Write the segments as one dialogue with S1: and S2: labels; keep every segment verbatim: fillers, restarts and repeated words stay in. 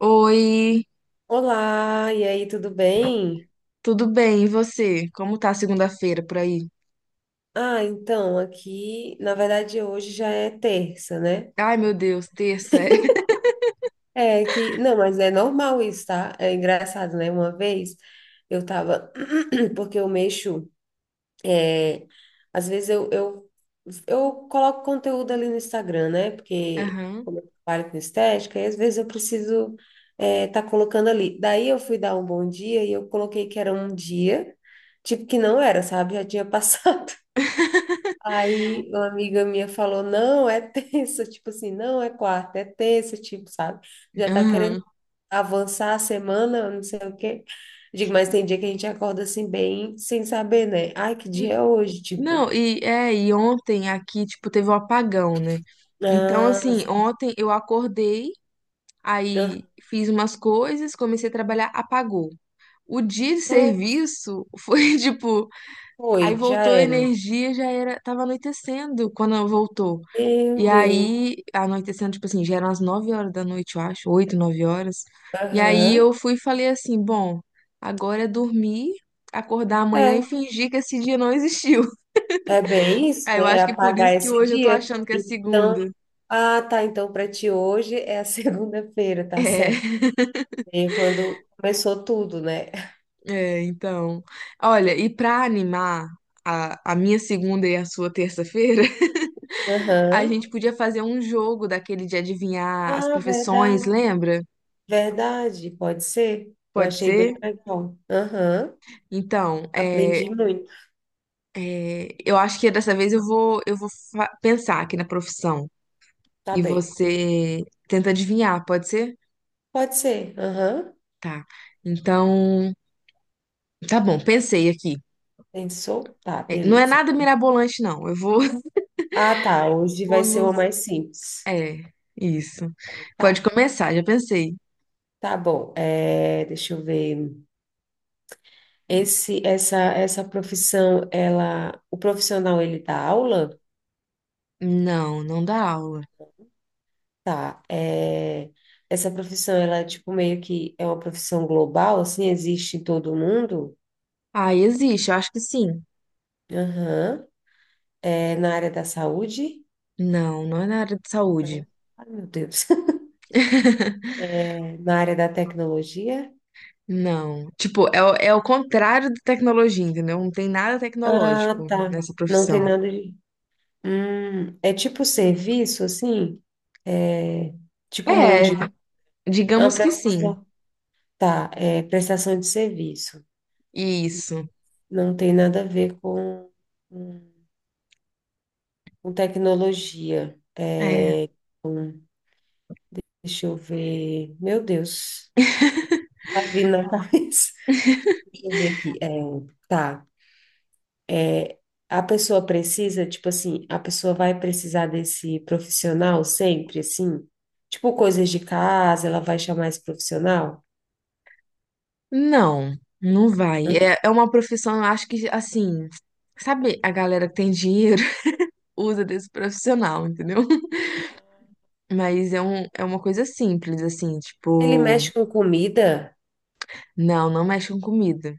S1: Oi,
S2: Olá, e aí, tudo bem?
S1: tudo bem? E você? Como tá a segunda-feira por aí?
S2: Ah, então, aqui, na verdade, hoje já é terça, né?
S1: Ai, meu Deus, terça é.
S2: É que, não, mas é normal isso, tá? É engraçado, né? Uma vez eu tava, porque eu mexo, é, às vezes eu, eu, eu coloco conteúdo ali no Instagram, né? Porque
S1: Aham,
S2: como eu trabalho com estética, e às vezes eu preciso é, tá colocando ali. Daí eu fui dar um bom dia e eu coloquei que era um dia, tipo que não era, sabe? Já tinha passado. Aí uma amiga minha falou, não, é terça, tipo assim, não é quarta, é terça, tipo, sabe? Já tá querendo
S1: aham.
S2: avançar a semana, não sei o quê. Digo, mas tem dia que a gente acorda assim bem sem saber, né? Ai, que
S1: N-
S2: dia é hoje? Tipo,
S1: Não, e é, e ontem aqui, tipo, teve um apagão, né? Então,
S2: ah,
S1: assim, ontem eu acordei, aí fiz umas coisas, comecei a trabalhar, apagou. O dia de
S2: aham,
S1: serviço foi tipo, aí
S2: foi, já
S1: voltou a
S2: era.
S1: energia, já era, tava anoitecendo quando voltou.
S2: Meu
S1: E
S2: Deus.
S1: aí, anoitecendo, tipo assim, já eram as nove horas da noite, eu acho, oito nove horas. E aí eu
S2: Aham.
S1: fui e falei assim: bom, agora é dormir, acordar amanhã e
S2: É,
S1: fingir que esse dia não existiu.
S2: é bem isso,
S1: Aí eu
S2: né? É
S1: acho que por
S2: apagar
S1: isso que
S2: esse
S1: hoje eu tô
S2: dia.
S1: achando que é
S2: Então,
S1: segunda.
S2: ah, tá, então para ti hoje é a segunda-feira, tá
S1: É,
S2: certo? E quando começou tudo, né?
S1: é, então. Olha, e pra animar a, a minha segunda e a sua terça-feira, a
S2: Aham.
S1: gente podia fazer um jogo daquele de adivinhar as
S2: Ah,
S1: profissões,
S2: verdade.
S1: lembra?
S2: Verdade, pode ser. Eu
S1: Pode
S2: achei bem
S1: ser?
S2: legal. Aham.
S1: Então, é,
S2: Aprendi muito.
S1: é, eu acho que dessa vez eu vou, eu vou fa- pensar aqui na profissão
S2: Tá
S1: e
S2: bem.
S1: você tenta adivinhar, pode ser?
S2: Pode ser. Aham.
S1: Tá. Então, tá bom, pensei aqui.
S2: Pensou? Tá,
S1: É, não é
S2: beleza.
S1: nada mirabolante, não. Eu vou,
S2: Ah, tá. Hoje
S1: vou
S2: vai ser
S1: nos.
S2: uma mais simples.
S1: É, isso. Pode
S2: Tá.
S1: começar, já pensei.
S2: Tá bom. É, deixa eu ver. Esse, essa, essa profissão, ela, o profissional, ele dá aula?
S1: Não, não dá aula.
S2: Tá, é, essa profissão, ela é tipo meio que é uma profissão global, assim, existe em todo mundo?
S1: Ah, existe, eu acho que sim.
S2: Aham. É na área da saúde?
S1: Não, não é na área de saúde.
S2: Não. Ai, meu Deus. É na área da tecnologia?
S1: Não. Tipo, é, o- é o contrário da tecnologia, entendeu? Não tem nada
S2: Ah,
S1: tecnológico
S2: tá.
S1: nessa
S2: Não
S1: profissão.
S2: tem nada de... Hum, é tipo serviço, assim? É tipo mão de...
S1: É,
S2: É uma
S1: digamos que sim.
S2: prestação... Tá, é prestação de serviço.
S1: Isso.
S2: Não tem nada a ver com, com com tecnologia.
S1: É.
S2: Deixa eu ver. Meu Deus, tá vindo na cabeça. Deixa eu ver aqui. É, tá. A pessoa precisa, tipo assim, a pessoa vai precisar desse profissional sempre, assim? Tipo, coisas de casa, ela vai chamar esse profissional?
S1: Não, não vai.
S2: Hã?
S1: É, é uma profissão, eu acho que, assim, sabe, a galera que tem dinheiro usa desse profissional, entendeu? Mas é, um, é uma coisa simples, assim,
S2: Ele
S1: tipo,
S2: mexe com comida?
S1: não, não mexe com comida.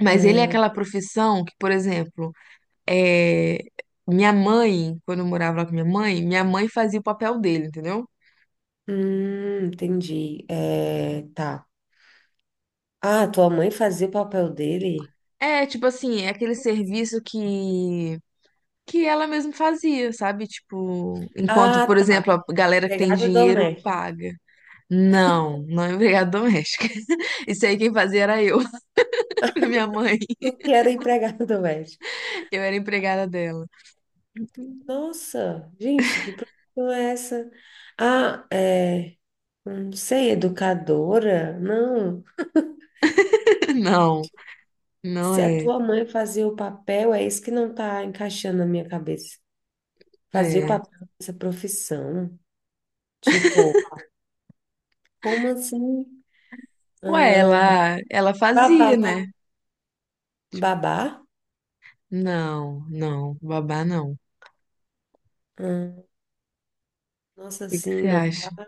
S1: Mas ele é aquela profissão que, por exemplo, é, minha mãe, quando eu morava lá com minha mãe, minha mãe fazia o papel dele, entendeu?
S2: Hum, entendi. É, tá. Ah, tua mãe fazia o papel dele?
S1: É, tipo assim, é aquele serviço que que ela mesma fazia, sabe? Tipo, enquanto, por
S2: Ah,
S1: exemplo,
S2: tá.
S1: a galera que tem
S2: Empregada
S1: dinheiro
S2: doméstica.
S1: paga. Não, não é empregada doméstica. Isso aí quem fazia era eu, pra minha mãe.
S2: Tu que era empregada doméstica.
S1: Eu era empregada dela.
S2: Nossa, gente, que profissão é essa? Ah, é, não sei, educadora? Não.
S1: Não, não
S2: Se a
S1: é.
S2: tua mãe fazia o papel, é isso que não tá encaixando na minha cabeça. Fazia o
S1: É.
S2: papel dessa profissão. Tipo, como assim?
S1: Ué, ela, ela fazia, né?
S2: Babá. Babá?
S1: Não, não, babá não. O
S2: Hum, nossa,
S1: que que
S2: assim,
S1: você
S2: não.
S1: acha?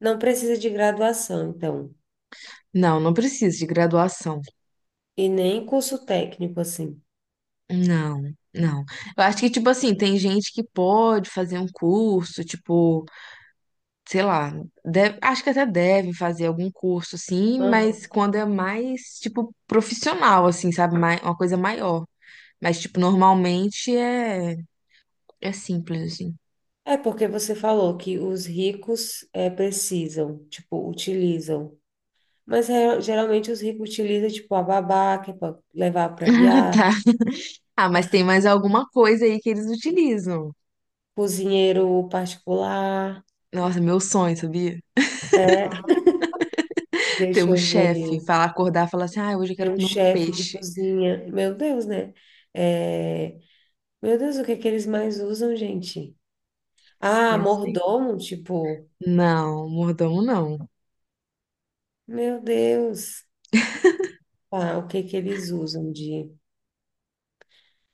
S2: Não precisa de graduação, então.
S1: Não, não precisa de graduação.
S2: E nem curso técnico, assim.
S1: Não, não. Eu acho que, tipo assim, tem gente que pode fazer um curso, tipo, sei lá, deve- acho que até devem fazer algum curso, assim,
S2: Aham.
S1: mas quando é mais, tipo, profissional, assim, sabe? Mai- Uma coisa maior. Mas, tipo, normalmente é, é simples, assim.
S2: É porque você falou que os ricos é, precisam, tipo, utilizam. Mas é, geralmente os ricos utilizam, tipo, a babá, que é para levar para
S1: Ah,
S2: viagem,
S1: tá. Ah, mas tem mais alguma coisa aí que eles utilizam.
S2: cozinheiro particular,
S1: Nossa, meu sonho, sabia? Ter
S2: deixa
S1: um
S2: eu
S1: chefe,
S2: ver,
S1: falar, acordar, falar assim, ah, hoje eu
S2: tem
S1: quero
S2: um
S1: comer um
S2: chefe de
S1: peixe.
S2: cozinha. Meu Deus, né? É, meu Deus, o que é que eles mais usam, gente? Ah,
S1: Pensa aí.
S2: mordomo, tipo,
S1: Não, mordomo não.
S2: meu Deus. Tá, o que é que eles usam de...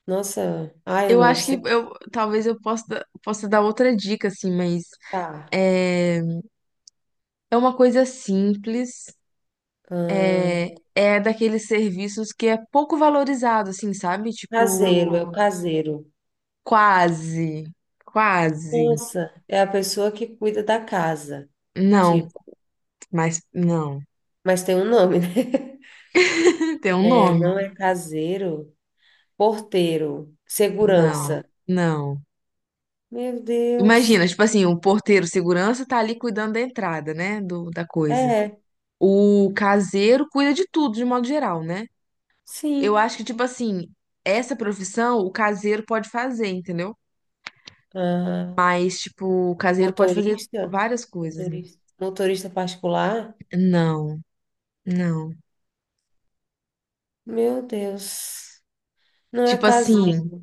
S2: Nossa, ah, eu
S1: Eu
S2: não
S1: acho que
S2: sei,
S1: eu, talvez eu possa, possa dar outra dica, assim, mas
S2: tá.
S1: é, é uma coisa simples,
S2: Hum,
S1: é, é daqueles serviços que é pouco valorizado, assim, sabe?
S2: caseiro, é o
S1: Tipo,
S2: caseiro.
S1: quase, quase.
S2: Nossa, é a pessoa que cuida da casa,
S1: Não,
S2: tipo,
S1: mas não.
S2: mas tem um nome, né?
S1: Tem um
S2: É, não
S1: nome?
S2: é caseiro, porteiro,
S1: Não,
S2: segurança.
S1: não.
S2: Meu Deus.
S1: Imagina, tipo assim, o porteiro segurança tá ali cuidando da entrada, né, do, da coisa.
S2: É,
S1: O caseiro cuida de tudo, de modo geral, né? Eu
S2: sim.
S1: acho que, tipo assim, essa profissão o caseiro pode fazer, entendeu?
S2: Ah,
S1: Mas, tipo, o caseiro pode fazer
S2: motorista?
S1: várias coisas. Né?
S2: Motorista, motorista particular?
S1: Não, não.
S2: Meu Deus. Não é
S1: Tipo assim,
S2: caseiro.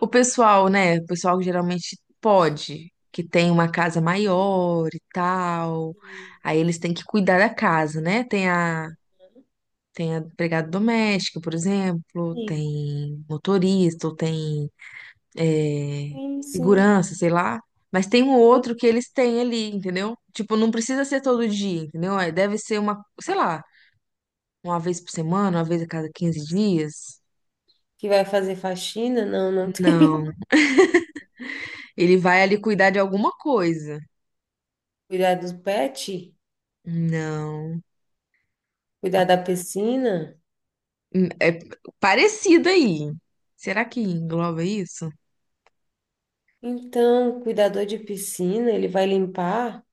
S1: o pessoal, né? O pessoal que geralmente pode, que tem uma casa maior e tal.
S2: Sim,
S1: Aí eles têm que cuidar da casa, né? Tem a, tem a empregada doméstica, por exemplo,
S2: sim,
S1: tem motorista, ou tem é,
S2: sim. sim.
S1: segurança, sei lá. Mas tem um outro que eles têm ali, entendeu? Tipo, não precisa ser todo dia, entendeu? É, deve ser uma, sei lá, uma vez por semana, uma vez a cada quinze dias.
S2: Que vai fazer faxina? Não, não tem.
S1: Não, ele vai ali cuidar de alguma coisa.
S2: Cuidar do pet?
S1: Não.
S2: Cuidar da piscina?
S1: Hum, é parecido aí. Será que engloba isso?
S2: Então, cuidador de piscina, ele vai limpar?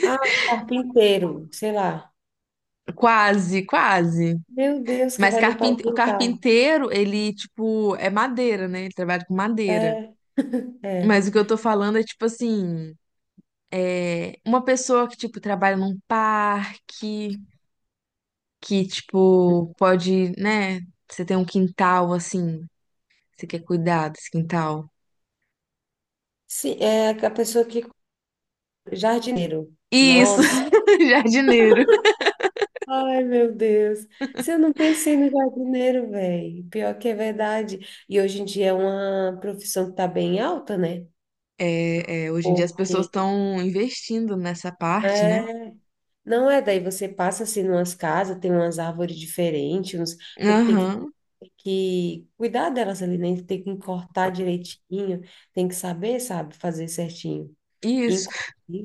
S2: Ah, o carpinteiro, sei lá.
S1: Quase, quase.
S2: Meu Deus, que
S1: Mas
S2: vai limpar o
S1: carpinte... o
S2: quintal.
S1: carpinteiro, ele, tipo, é madeira, né? Ele trabalha com madeira.
S2: É, é.
S1: Mas o que eu tô falando é, tipo assim, é uma pessoa que, tipo, trabalha num parque, que, tipo, pode, né? Você tem um quintal, assim, você quer cuidar desse quintal.
S2: Sim, é a pessoa que. Jardineiro.
S1: Isso,
S2: Nossa.
S1: jardineiro.
S2: Ai, meu Deus. Se eu não pensei no jardineiro, velho. Pior que é verdade. E hoje em dia é uma profissão que tá bem alta, né?
S1: É, é, hoje em dia as pessoas
S2: Porque
S1: estão investindo nessa parte, né?
S2: é, não é daí você passa assim numas casas, tem umas árvores diferentes, uns, porque tem que,
S1: Aham,
S2: tem que cuidar delas ali, né? Tem que cortar direitinho, tem que saber, sabe, fazer certinho.
S1: isso.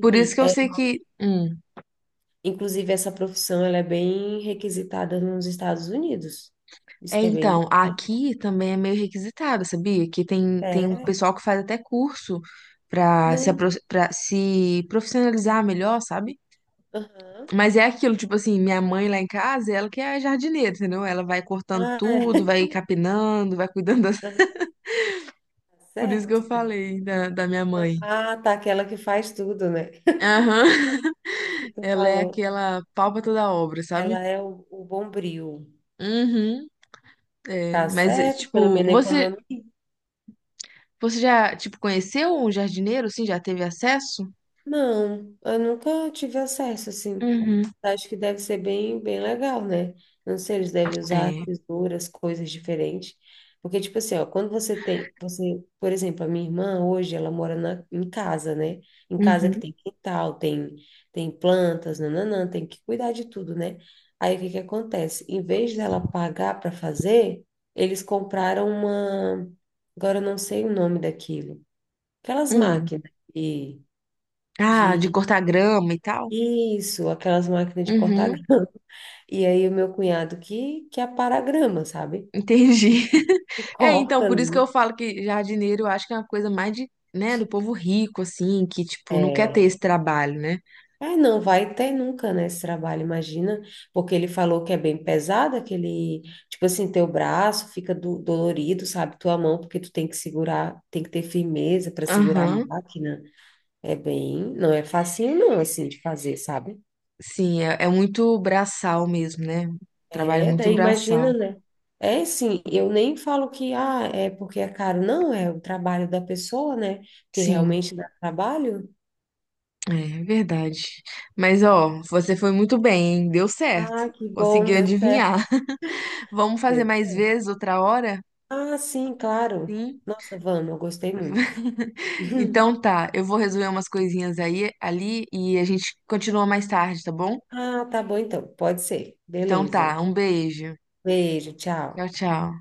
S1: Por isso que eu
S2: é,
S1: sei que. Hum.
S2: inclusive essa profissão ela é bem requisitada nos Estados Unidos. Isso
S1: É,
S2: que é bem bom.
S1: então, aqui também é meio requisitado, sabia? Que tem, tem um
S2: É,
S1: pessoal que faz até curso pra se, apro-
S2: não.
S1: pra se profissionalizar melhor, sabe?
S2: Aham.
S1: Mas é aquilo, tipo assim, minha mãe lá em casa, ela que é jardineira, entendeu? Ela vai cortando
S2: Ah,
S1: tudo,
S2: é.
S1: vai capinando, vai cuidando das...
S2: Aham, tá
S1: Por isso que eu
S2: certo.
S1: falei da, da minha mãe.
S2: Ah, tá, aquela que faz tudo, né?
S1: Aham.
S2: Isso que tu
S1: Ela é
S2: falou.
S1: aquela palpa toda obra, sabe?
S2: Ela é o, o bombril.
S1: Uhum, é,
S2: Tá
S1: mas é,
S2: certo? Pelo
S1: tipo,
S2: menos
S1: você
S2: economia.
S1: você já tipo conheceu um jardineiro assim, já teve acesso?
S2: Não, eu nunca tive acesso, assim.
S1: Uhum.
S2: Acho que deve ser bem, bem legal, né? Não sei, eles devem usar
S1: É.
S2: tesouras, coisas diferentes. Porque, tipo assim, ó, quando você tem, você, por exemplo, a minha irmã hoje, ela mora na, em casa, né? Em casa que
S1: Uhum.
S2: tem quintal, tem, tem plantas, nananã, tem que cuidar de tudo, né? Aí o que que acontece? Em vez dela pagar para fazer, eles compraram uma, agora eu não sei o nome daquilo, aquelas
S1: Hum.
S2: máquinas de,
S1: Ah, de
S2: de
S1: cortar grama e tal?
S2: isso, aquelas máquinas de cortar
S1: Uhum.
S2: E aí o meu cunhado que, que apara a grama, sabe? Que,
S1: Entendi.
S2: que
S1: É,
S2: corta
S1: então, por isso que
S2: ali.
S1: eu falo que jardineiro eu acho que é uma coisa mais de, né, do povo rico assim, que tipo não quer ter
S2: É.
S1: esse trabalho, né?
S2: É, não vai ter nunca, né, esse trabalho, imagina, porque ele falou que é bem pesado, aquele, tipo assim, teu braço fica do- dolorido, sabe, tua mão, porque tu tem que segurar, tem que ter firmeza para segurar a
S1: Aham.
S2: máquina, é bem, não é facinho não, assim, de fazer, sabe?
S1: Sim, é, é muito braçal mesmo, né? Trabalho
S2: É,
S1: muito
S2: daí imagina,
S1: braçal.
S2: né? É sim, eu nem falo que ah, é porque é caro, não, é o trabalho da pessoa, né? Que
S1: Sim.
S2: realmente dá trabalho.
S1: É verdade. Mas ó, você foi muito bem, hein? Deu certo.
S2: Ah, que bom,
S1: Conseguiu
S2: deu certo,
S1: adivinhar. Vamos fazer
S2: deu
S1: mais
S2: certo.
S1: vezes outra hora?
S2: Ah, sim, claro.
S1: Sim.
S2: Nossa, vamos, eu gostei muito.
S1: Então tá, eu vou resolver umas coisinhas aí ali e a gente continua mais tarde, tá bom?
S2: Ah, tá bom então, pode ser.
S1: Então
S2: Beleza.
S1: tá, um beijo.
S2: Beijo, tchau.
S1: Tchau, tchau.